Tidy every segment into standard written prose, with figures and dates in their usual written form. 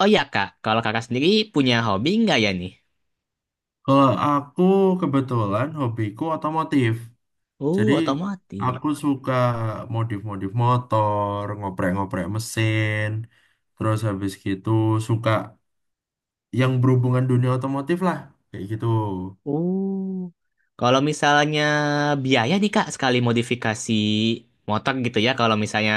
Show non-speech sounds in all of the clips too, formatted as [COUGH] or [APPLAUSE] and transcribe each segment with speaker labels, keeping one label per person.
Speaker 1: Oh iya kak, kalau kakak sendiri punya hobi nggak ya nih?
Speaker 2: Kalau aku kebetulan hobiku otomotif. Jadi
Speaker 1: Oh otomotif.
Speaker 2: aku suka modif-modif motor, ngoprek-ngoprek mesin. Terus habis gitu suka yang berhubungan dunia otomotif lah. Kayak gitu.
Speaker 1: Oh kalau misalnya biaya nih kak sekali modifikasi motor gitu ya, kalau misalnya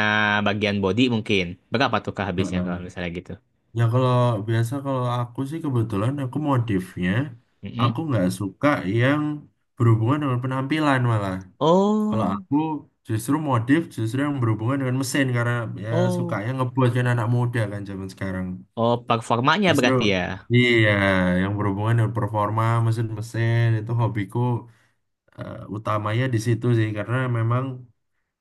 Speaker 1: bagian body mungkin berapa tuh kak habisnya kalau
Speaker 2: Heeh.
Speaker 1: misalnya gitu?
Speaker 2: Ya kalau biasa kalau aku sih kebetulan aku modifnya. Aku
Speaker 1: Mm-mm.
Speaker 2: nggak suka yang berhubungan dengan penampilan malah. Kalau
Speaker 1: Oh
Speaker 2: aku justru modif justru yang berhubungan dengan mesin karena ya
Speaker 1: oh
Speaker 2: sukanya ngebuat kan anak muda kan zaman sekarang.
Speaker 1: oh performanya
Speaker 2: Justru
Speaker 1: berarti ya.
Speaker 2: iya yang berhubungan dengan performa mesin-mesin itu hobiku utamanya di situ sih karena memang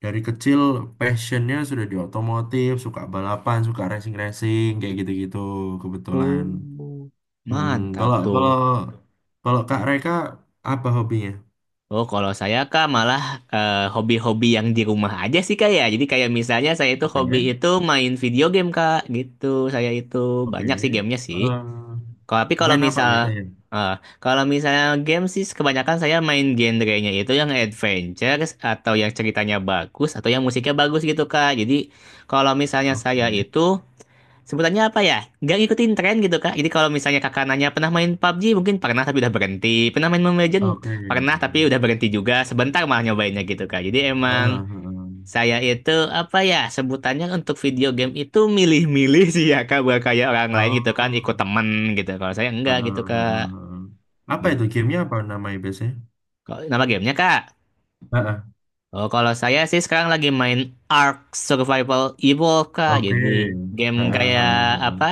Speaker 2: dari kecil passionnya sudah di otomotif, suka balapan, suka racing-racing kayak gitu-gitu kebetulan.
Speaker 1: Oh
Speaker 2: Mm,
Speaker 1: mantap
Speaker 2: kalau
Speaker 1: tuh.
Speaker 2: kalau kalau Kak Reka apa hobinya?
Speaker 1: Oh, kalau saya kak malah hobi-hobi yang di rumah aja sih kak ya. Jadi kayak misalnya saya itu
Speaker 2: Oke,
Speaker 1: hobi itu main video game kak gitu. Saya itu
Speaker 2: oke.
Speaker 1: banyak sih gamenya sih.
Speaker 2: Eh,
Speaker 1: Tapi
Speaker 2: Main apa biasanya?
Speaker 1: eh, kalau misalnya game sih kebanyakan saya main genrenya itu yang adventure atau yang ceritanya bagus atau yang musiknya bagus gitu kak. Jadi kalau misalnya
Speaker 2: Oke,
Speaker 1: saya itu, sebutannya apa ya? Nggak ngikutin tren gitu, Kak. Jadi kalau misalnya kakak nanya, pernah main PUBG? Mungkin pernah tapi udah berhenti. Pernah main Mobile Legends?
Speaker 2: oke.
Speaker 1: Pernah tapi udah berhenti juga. Sebentar malah nyobainnya gitu, Kak. Jadi
Speaker 2: Heeh,
Speaker 1: emang
Speaker 2: heeh.
Speaker 1: saya itu, apa ya, sebutannya untuk video game itu milih-milih sih ya, Kak. Bukan kayak orang lain gitu kan, ikut
Speaker 2: Oh.
Speaker 1: temen gitu. Kalau saya enggak
Speaker 2: Heeh,
Speaker 1: gitu,
Speaker 2: heeh,
Speaker 1: Kak.
Speaker 2: heeh. Apa itu
Speaker 1: Gitu.
Speaker 2: gamenya apa namanya biasanya?
Speaker 1: Nama gamenya, Kak?
Speaker 2: Heeh,
Speaker 1: Oh, kalau saya sih sekarang lagi main Ark Survival Evolved, Kak.
Speaker 2: oke.
Speaker 1: Jadi game
Speaker 2: Heeh,
Speaker 1: kayak
Speaker 2: heeh, heeh.
Speaker 1: apa?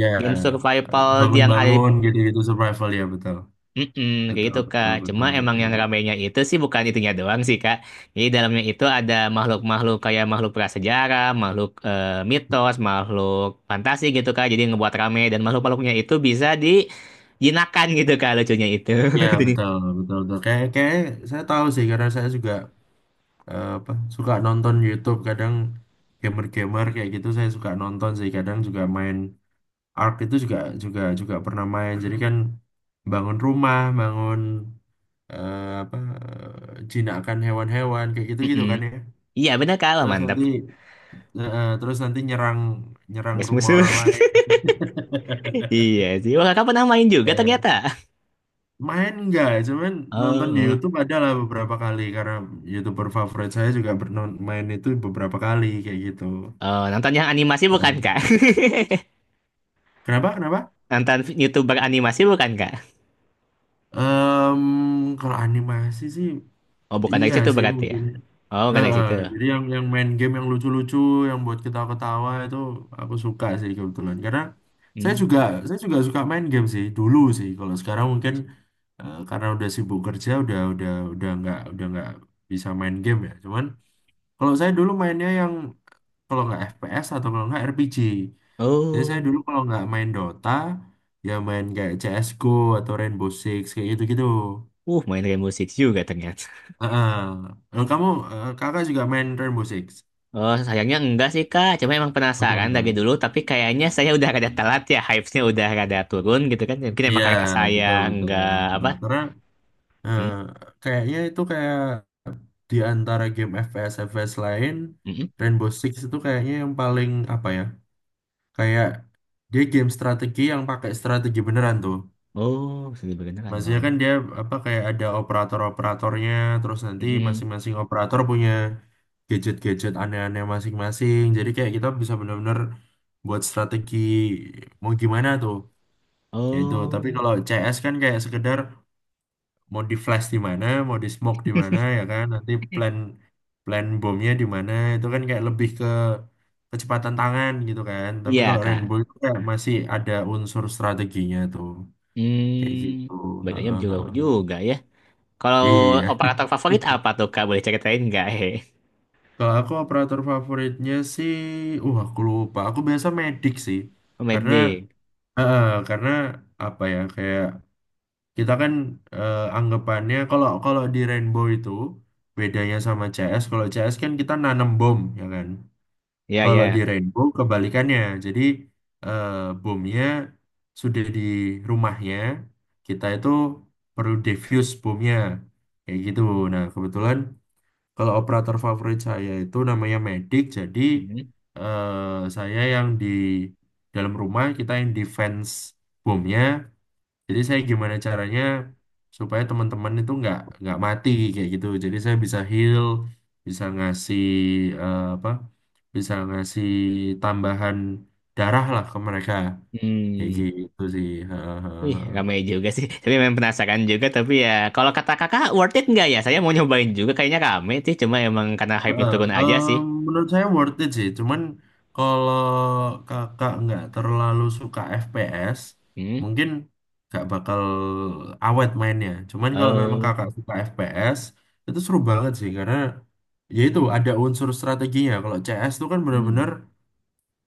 Speaker 2: Ya,
Speaker 1: Game survival yang ada.
Speaker 2: bangun-bangun gitu-gitu survival ya betul.
Speaker 1: Mm-mm, kayak
Speaker 2: Betul,
Speaker 1: gitu Kak.
Speaker 2: betul, betul,
Speaker 1: Cuma emang yang
Speaker 2: betul.
Speaker 1: ramainya itu sih bukan itunya doang sih Kak. Jadi dalamnya itu ada makhluk-makhluk kayak makhluk prasejarah, makhluk mitos, makhluk fantasi gitu Kak. Jadi ngebuat rame dan makhluk-makhluknya itu bisa dijinakan gitu Kak lucunya itu.
Speaker 2: Ya,
Speaker 1: [LAUGHS] Jadi,
Speaker 2: betul, betul, betul. Kayak kayak saya tahu sih karena saya juga apa suka nonton YouTube kadang gamer-gamer kayak gitu saya suka nonton sih kadang juga main Ark itu juga juga juga pernah main. Jadi kan bangun rumah, bangun eh, apa jinakan hewan-hewan kayak gitu-gitu
Speaker 1: mm-mm.
Speaker 2: kan ya.
Speaker 1: Iya bener Kak, wah,
Speaker 2: Terus
Speaker 1: mantap.
Speaker 2: nanti terus nanti nyerang nyerang
Speaker 1: Best
Speaker 2: rumah
Speaker 1: musuh.
Speaker 2: orang lain. [LAUGHS]
Speaker 1: [LAUGHS] Iya sih. Wah Kakak pernah main juga
Speaker 2: Ya.
Speaker 1: ternyata.
Speaker 2: Main enggak, cuman nonton
Speaker 1: Oh,
Speaker 2: di
Speaker 1: oh,
Speaker 2: YouTube adalah beberapa kali karena YouTuber favorit saya juga bernon main itu beberapa kali kayak gitu.
Speaker 1: oh, nonton yang animasi bukan Kak?
Speaker 2: Heeh. Kenapa? Kenapa?
Speaker 1: [LAUGHS] Nonton YouTuber animasi bukan Kak?
Speaker 2: Em, Kalau animasi sih
Speaker 1: Oh bukan dari
Speaker 2: iya
Speaker 1: situ
Speaker 2: sih
Speaker 1: berarti ya?
Speaker 2: mungkin.
Speaker 1: Oh bukan dari
Speaker 2: Heeh,
Speaker 1: situ.
Speaker 2: jadi yang main game yang lucu-lucu, yang buat kita ketawa itu aku suka sih kebetulan. Karena saya juga
Speaker 1: Hmm.
Speaker 2: saya juga suka main game sih dulu sih. Kalau sekarang mungkin karena udah sibuk kerja, udah nggak bisa main game ya. Cuman kalau saya dulu mainnya yang kalau nggak FPS atau kalau nggak RPG. Jadi saya dulu
Speaker 1: Oh,
Speaker 2: kalau nggak main Dota, ya main kayak CS:GO atau Rainbow Six kayak gitu-gitu.
Speaker 1: main kayak musik juga ternyata.
Speaker 2: Heeh. Kalau Kamu kakak juga main Rainbow Six?
Speaker 1: Oh, sayangnya enggak sih, Kak. Cuma emang
Speaker 2: Udah
Speaker 1: penasaran dari
Speaker 2: nggak?
Speaker 1: dulu, tapi kayaknya saya udah rada telat ya. Hype-nya udah rada turun gitu kan. Ya, mungkin emang
Speaker 2: Iya,
Speaker 1: karena saya
Speaker 2: betul betul.
Speaker 1: enggak apa.
Speaker 2: Nah, karena eh,
Speaker 1: Hmm,
Speaker 2: kayaknya itu kayak di antara game FPS FPS lain,
Speaker 1: mm-mm.
Speaker 2: Rainbow Six itu kayaknya yang paling apa ya? Kayak dia game strategi yang pakai strategi beneran tuh.
Speaker 1: Oh, seni beneran.
Speaker 2: Maksudnya
Speaker 1: Waduh.
Speaker 2: kan dia apa kayak ada operator-operatornya, terus nanti
Speaker 1: Mm-mm.
Speaker 2: masing-masing operator punya gadget-gadget aneh-aneh masing-masing. Jadi kayak kita bisa bener-bener buat strategi mau gimana tuh. Ya itu. Tapi
Speaker 1: Oh,
Speaker 2: kalau CS kan kayak sekedar mau di flash di mana, mau di smoke di mana ya kan. Nanti plan plan bomnya di mana itu kan kayak lebih ke kecepatan tangan gitu kan. Tapi
Speaker 1: iya,
Speaker 2: kalau
Speaker 1: Kak.
Speaker 2: Rainbow itu kayak masih ada unsur strateginya tuh. Kayak gitu.
Speaker 1: Hmm,
Speaker 2: Heeh,
Speaker 1: bedanya
Speaker 2: heeh,
Speaker 1: jauh
Speaker 2: heeh.
Speaker 1: juga ya. Kalau
Speaker 2: Iya.
Speaker 1: operator favorit
Speaker 2: [LAUGHS]
Speaker 1: apa tuh, Kak? Boleh ceritain nggak? [LAUGHS] Hehe.
Speaker 2: Kalau aku operator favoritnya sih, aku lupa. Aku biasa medik sih.
Speaker 1: Oh, Mad.
Speaker 2: Karena karena apa ya kayak kita kan anggapannya kalau kalau di Rainbow itu bedanya sama CS, kalau CS kan kita nanam bom ya kan.
Speaker 1: Ya,
Speaker 2: Kalau di
Speaker 1: ya.
Speaker 2: Rainbow kebalikannya. Jadi eh, bomnya sudah di rumahnya, kita itu perlu defuse bomnya. Kayak gitu. Nah, kebetulan kalau operator favorit saya itu namanya Medic, jadi
Speaker 1: Hmm.
Speaker 2: saya yang di dalam rumah, kita yang defense bomnya jadi saya gimana caranya supaya teman-teman itu nggak mati kayak gitu. Jadi saya bisa heal, bisa ngasih eh, apa? bisa ngasih tambahan darah lah ke mereka kayak
Speaker 1: Hmm.
Speaker 2: gitu sih.
Speaker 1: Wih, ramai
Speaker 2: [LAUGHS]
Speaker 1: juga sih. Tapi memang penasaran juga. Tapi ya, kalau kata kakak, worth it nggak ya? Saya mau nyobain juga. Kayaknya rame sih. Cuma emang karena hype-nya
Speaker 2: Heeh,
Speaker 1: turun aja sih.
Speaker 2: menurut saya worth it sih. Cuman kalau kakak nggak terlalu suka FPS,
Speaker 1: Hmm.
Speaker 2: mungkin nggak bakal awet mainnya. Cuman kalau memang
Speaker 1: Oh.
Speaker 2: kakak suka FPS, itu seru banget sih karena ya itu ada unsur strateginya. Kalau CS itu kan
Speaker 1: Hmm.
Speaker 2: benar-benar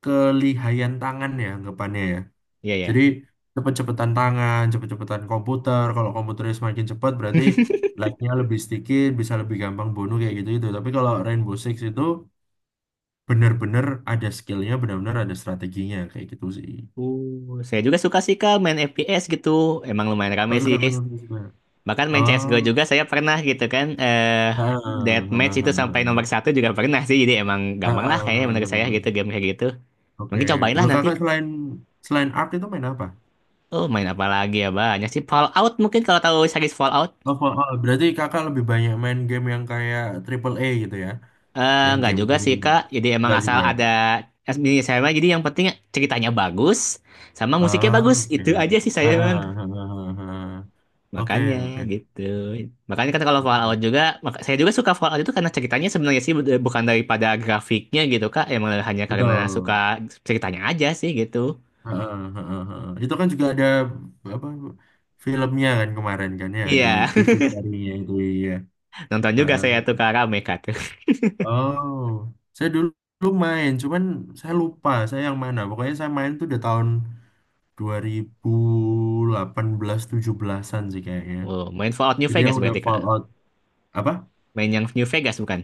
Speaker 2: kelihayan tangan ya anggapannya ya.
Speaker 1: Iya,
Speaker 2: Jadi
Speaker 1: ya.
Speaker 2: cepet-cepetan tangan, cepet-cepetan komputer. Kalau komputernya semakin cepat berarti like-nya lebih sedikit, bisa lebih gampang bunuh kayak gitu itu. Tapi kalau Rainbow Six itu bener-bener ada skillnya bener-bener ada strateginya kayak gitu sih
Speaker 1: Saya juga suka sih kak main FPS gitu. Emang lumayan rame
Speaker 2: oh suka
Speaker 1: sih.
Speaker 2: main aku suka
Speaker 1: Bahkan main CSGO
Speaker 2: oh
Speaker 1: juga saya pernah gitu kan.
Speaker 2: ah, ah,
Speaker 1: Deathmatch itu
Speaker 2: ah,
Speaker 1: sampai
Speaker 2: ah,
Speaker 1: nomor satu juga pernah sih. Jadi emang
Speaker 2: ah,
Speaker 1: gampang lah
Speaker 2: ah,
Speaker 1: kayaknya
Speaker 2: ah,
Speaker 1: menurut saya gitu
Speaker 2: ah.
Speaker 1: game kayak gitu.
Speaker 2: Oke,
Speaker 1: Mungkin cobain lah
Speaker 2: kalau
Speaker 1: nanti.
Speaker 2: kakak selain selain Ark itu main apa
Speaker 1: Oh, main apa lagi ya? Banyak sih. Fallout mungkin kalau tahu series Fallout.
Speaker 2: oh, oh, oh, berarti kakak lebih banyak main game yang kayak triple A gitu ya, yang
Speaker 1: Nggak juga
Speaker 2: game-game
Speaker 1: sih Kak. Jadi emang
Speaker 2: enggak
Speaker 1: asal
Speaker 2: juga.
Speaker 1: ada SB saya mah jadi yang penting ceritanya bagus sama musiknya
Speaker 2: Ah,
Speaker 1: bagus.
Speaker 2: oke.
Speaker 1: Itu aja sih
Speaker 2: Ah,
Speaker 1: saya emang.
Speaker 2: ah, ah, ah, ah, ah. Oke,
Speaker 1: Makanya
Speaker 2: oke,
Speaker 1: gitu. Makanya kan kalau Fallout
Speaker 2: oke.
Speaker 1: juga saya juga suka Fallout itu karena ceritanya sebenarnya sih bukan daripada grafiknya gitu Kak. Emang hanya karena suka
Speaker 2: Betul.
Speaker 1: ceritanya aja sih gitu.
Speaker 2: Heeh, heeh, heeh. Itu kan juga ada apa filmnya kan kemarin kan ya ada
Speaker 1: Iya,
Speaker 2: TV serinya itu ya.
Speaker 1: [LAUGHS] nonton juga
Speaker 2: Heeh.
Speaker 1: saya tuh Kak, rame Kak tuh.
Speaker 2: Oh, saya dulu, dulu main, cuman saya lupa saya yang mana. Pokoknya saya main tuh udah tahun 2018 17-an sih kayaknya.
Speaker 1: Oh, main Fallout New
Speaker 2: Jadi yang
Speaker 1: Vegas
Speaker 2: udah
Speaker 1: berarti Kak.
Speaker 2: Fallout apa?
Speaker 1: Main yang New Vegas bukan?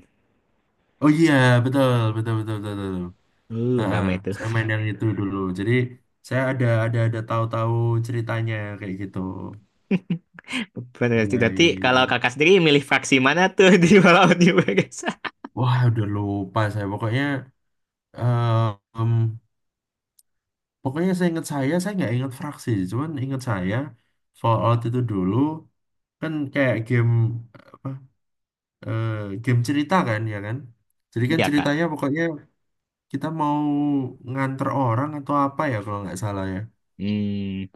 Speaker 2: Oh iya, betul, betul. Heeh,
Speaker 1: Rame itu.
Speaker 2: saya main yang itu dulu. Jadi saya ada tahu-tahu ceritanya kayak gitu.
Speaker 1: Berarti,
Speaker 2: Iya,
Speaker 1: berarti
Speaker 2: iya,
Speaker 1: kalau
Speaker 2: iya.
Speaker 1: kakak sendiri milih fraksi mana tuh di Walau di Bagasa?
Speaker 2: Wah, udah lupa saya. Pokoknya, eh, em, pokoknya saya nggak ingat fraksi. Cuman ingat saya, Fallout itu dulu kan kayak game apa? eh, Game cerita kan, ya kan? Jadi kan
Speaker 1: Iya kak.
Speaker 2: ceritanya pokoknya kita mau nganter orang atau apa ya kalau nggak salah ya.
Speaker 1: Hmm,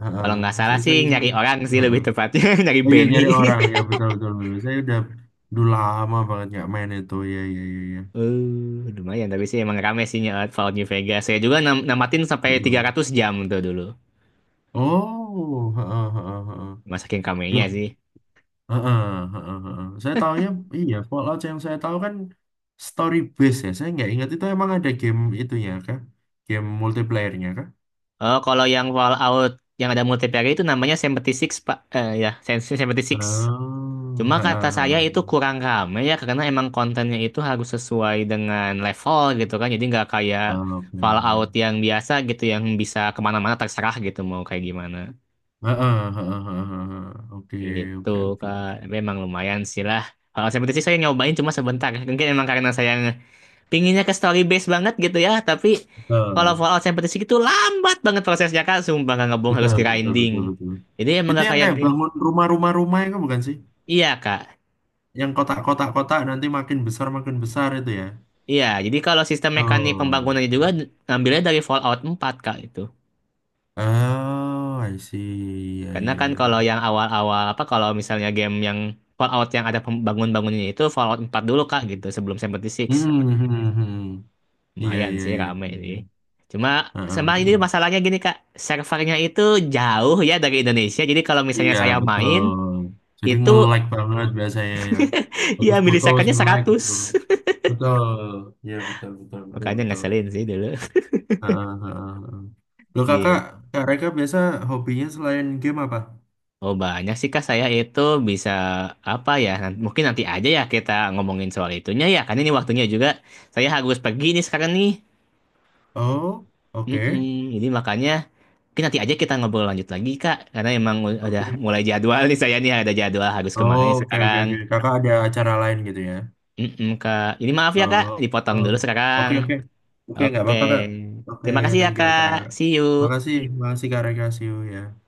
Speaker 2: Heeh.
Speaker 1: kalau nggak salah sih nyari
Speaker 2: Saya-
Speaker 1: orang sih
Speaker 2: heeh.
Speaker 1: lebih tepatnya [LAUGHS] nyari
Speaker 2: Oh iya
Speaker 1: Benny.
Speaker 2: nyari orang ya
Speaker 1: [LAUGHS]
Speaker 2: betul betul betul. Saya udah dulu lama banget nggak main itu ya ya ya ya.
Speaker 1: Lumayan tapi sih emang rame sih nyawa Fallout New Vegas. Saya juga namatin sampai tiga
Speaker 2: Heeh.
Speaker 1: ratus jam tuh dulu.
Speaker 2: Oh, heeh, heeh, heeh.
Speaker 1: Masakin kamenya
Speaker 2: Loh,
Speaker 1: sih.
Speaker 2: heeh, heeh, heeh. Saya tahunya iya Fallout yang saya tahu kan story base ya. Saya nggak ingat itu emang ada game itunya kah? Game multiplayernya kah?
Speaker 1: Oh, kalau yang Fallout yang ada multiplayer itu namanya 76, Pak. Ya, 76.
Speaker 2: Oh,
Speaker 1: Cuma kata
Speaker 2: heeh,
Speaker 1: saya itu
Speaker 2: heeh.
Speaker 1: kurang rame ya karena emang kontennya itu harus sesuai dengan level gitu kan. Jadi nggak kayak
Speaker 2: Oh, oke.
Speaker 1: Fallout yang biasa gitu yang bisa kemana-mana terserah gitu mau kayak gimana.
Speaker 2: Heeh, heeh, heeh, heeh. Oke,
Speaker 1: Gitu
Speaker 2: oke, oke,
Speaker 1: Kak.
Speaker 2: oke.
Speaker 1: Tapi emang lumayan sih lah. Kalau seperti sih saya nyobain cuma sebentar. Mungkin emang karena saya pinginnya ke story base banget gitu ya. Tapi kalau
Speaker 2: Betul,
Speaker 1: Fallout seperti sih itu lambat banget prosesnya Kak. Sumpah nggak ngebong harus
Speaker 2: betul, betul,
Speaker 1: grinding.
Speaker 2: betul, betul.
Speaker 1: Jadi emang
Speaker 2: Itu
Speaker 1: nggak
Speaker 2: yang
Speaker 1: kayak.
Speaker 2: kayak bangun rumah-rumah-rumah itu bukan sih?
Speaker 1: Iya Kak.
Speaker 2: Yang kotak-kotak-kotak nanti makin besar itu ya.
Speaker 1: Iya, jadi kalau sistem mekanik
Speaker 2: Oh.
Speaker 1: pembangunannya juga ngambilnya dari Fallout 4 Kak itu.
Speaker 2: Oh, I see. Iya,
Speaker 1: Karena kan
Speaker 2: iya,
Speaker 1: kalau
Speaker 2: iya,
Speaker 1: yang awal-awal apa kalau misalnya game yang Fallout yang ada pembangun-bangunannya itu Fallout 4 dulu Kak
Speaker 2: iya.
Speaker 1: gitu sebelum 76.
Speaker 2: Hmm, hmm, hmm. Iya,
Speaker 1: Lumayan
Speaker 2: iya,
Speaker 1: sih
Speaker 2: iya,
Speaker 1: rame
Speaker 2: iya.
Speaker 1: sih. Cuma
Speaker 2: Heeh,
Speaker 1: sama ini
Speaker 2: heeh.
Speaker 1: masalahnya gini Kak, servernya itu jauh ya dari Indonesia. Jadi kalau misalnya
Speaker 2: Iya,
Speaker 1: saya
Speaker 2: betul.
Speaker 1: main
Speaker 2: Jadi
Speaker 1: itu
Speaker 2: nge-like banget biasanya ya.
Speaker 1: [LAUGHS] ya
Speaker 2: Foto-foto
Speaker 1: milisekonnya
Speaker 2: nge-like gitu.
Speaker 1: 100. [LAUGHS]
Speaker 2: Betul. Iya, betul, betul, betul,
Speaker 1: Makanya
Speaker 2: betul.
Speaker 1: ngeselin sih dulu.
Speaker 2: Heeh, heeh, heeh.
Speaker 1: [LAUGHS]
Speaker 2: Loh kakak,
Speaker 1: Gitu.
Speaker 2: Kak Reka biasa hobinya selain game apa?
Speaker 1: Oh banyak sih Kak, saya itu bisa apa ya, mungkin nanti aja ya kita ngomongin soal itunya ya, karena ini waktunya juga saya harus pergi nih sekarang nih.
Speaker 2: Oh, oke.
Speaker 1: Mm-mm. Jadi makanya mungkin nanti aja kita ngobrol lanjut lagi Kak, karena emang udah
Speaker 2: Oke.
Speaker 1: mulai jadwal nih saya nih ada jadwal harus kemana
Speaker 2: Oh,
Speaker 1: nih
Speaker 2: oke, oke,
Speaker 1: sekarang.
Speaker 2: oke. Kakak ada acara lain gitu ya?
Speaker 1: Mm-mm, Kak, ini maaf ya Kak,
Speaker 2: Oh,
Speaker 1: dipotong
Speaker 2: oh.
Speaker 1: dulu sekarang.
Speaker 2: Oke, oke, oke, nggak
Speaker 1: Oke,
Speaker 2: apa-apa kak. Oke,
Speaker 1: terima kasih ya
Speaker 2: thank you kak.
Speaker 1: Kak, see you.
Speaker 2: Makasih, makasih kak Rekasio ya.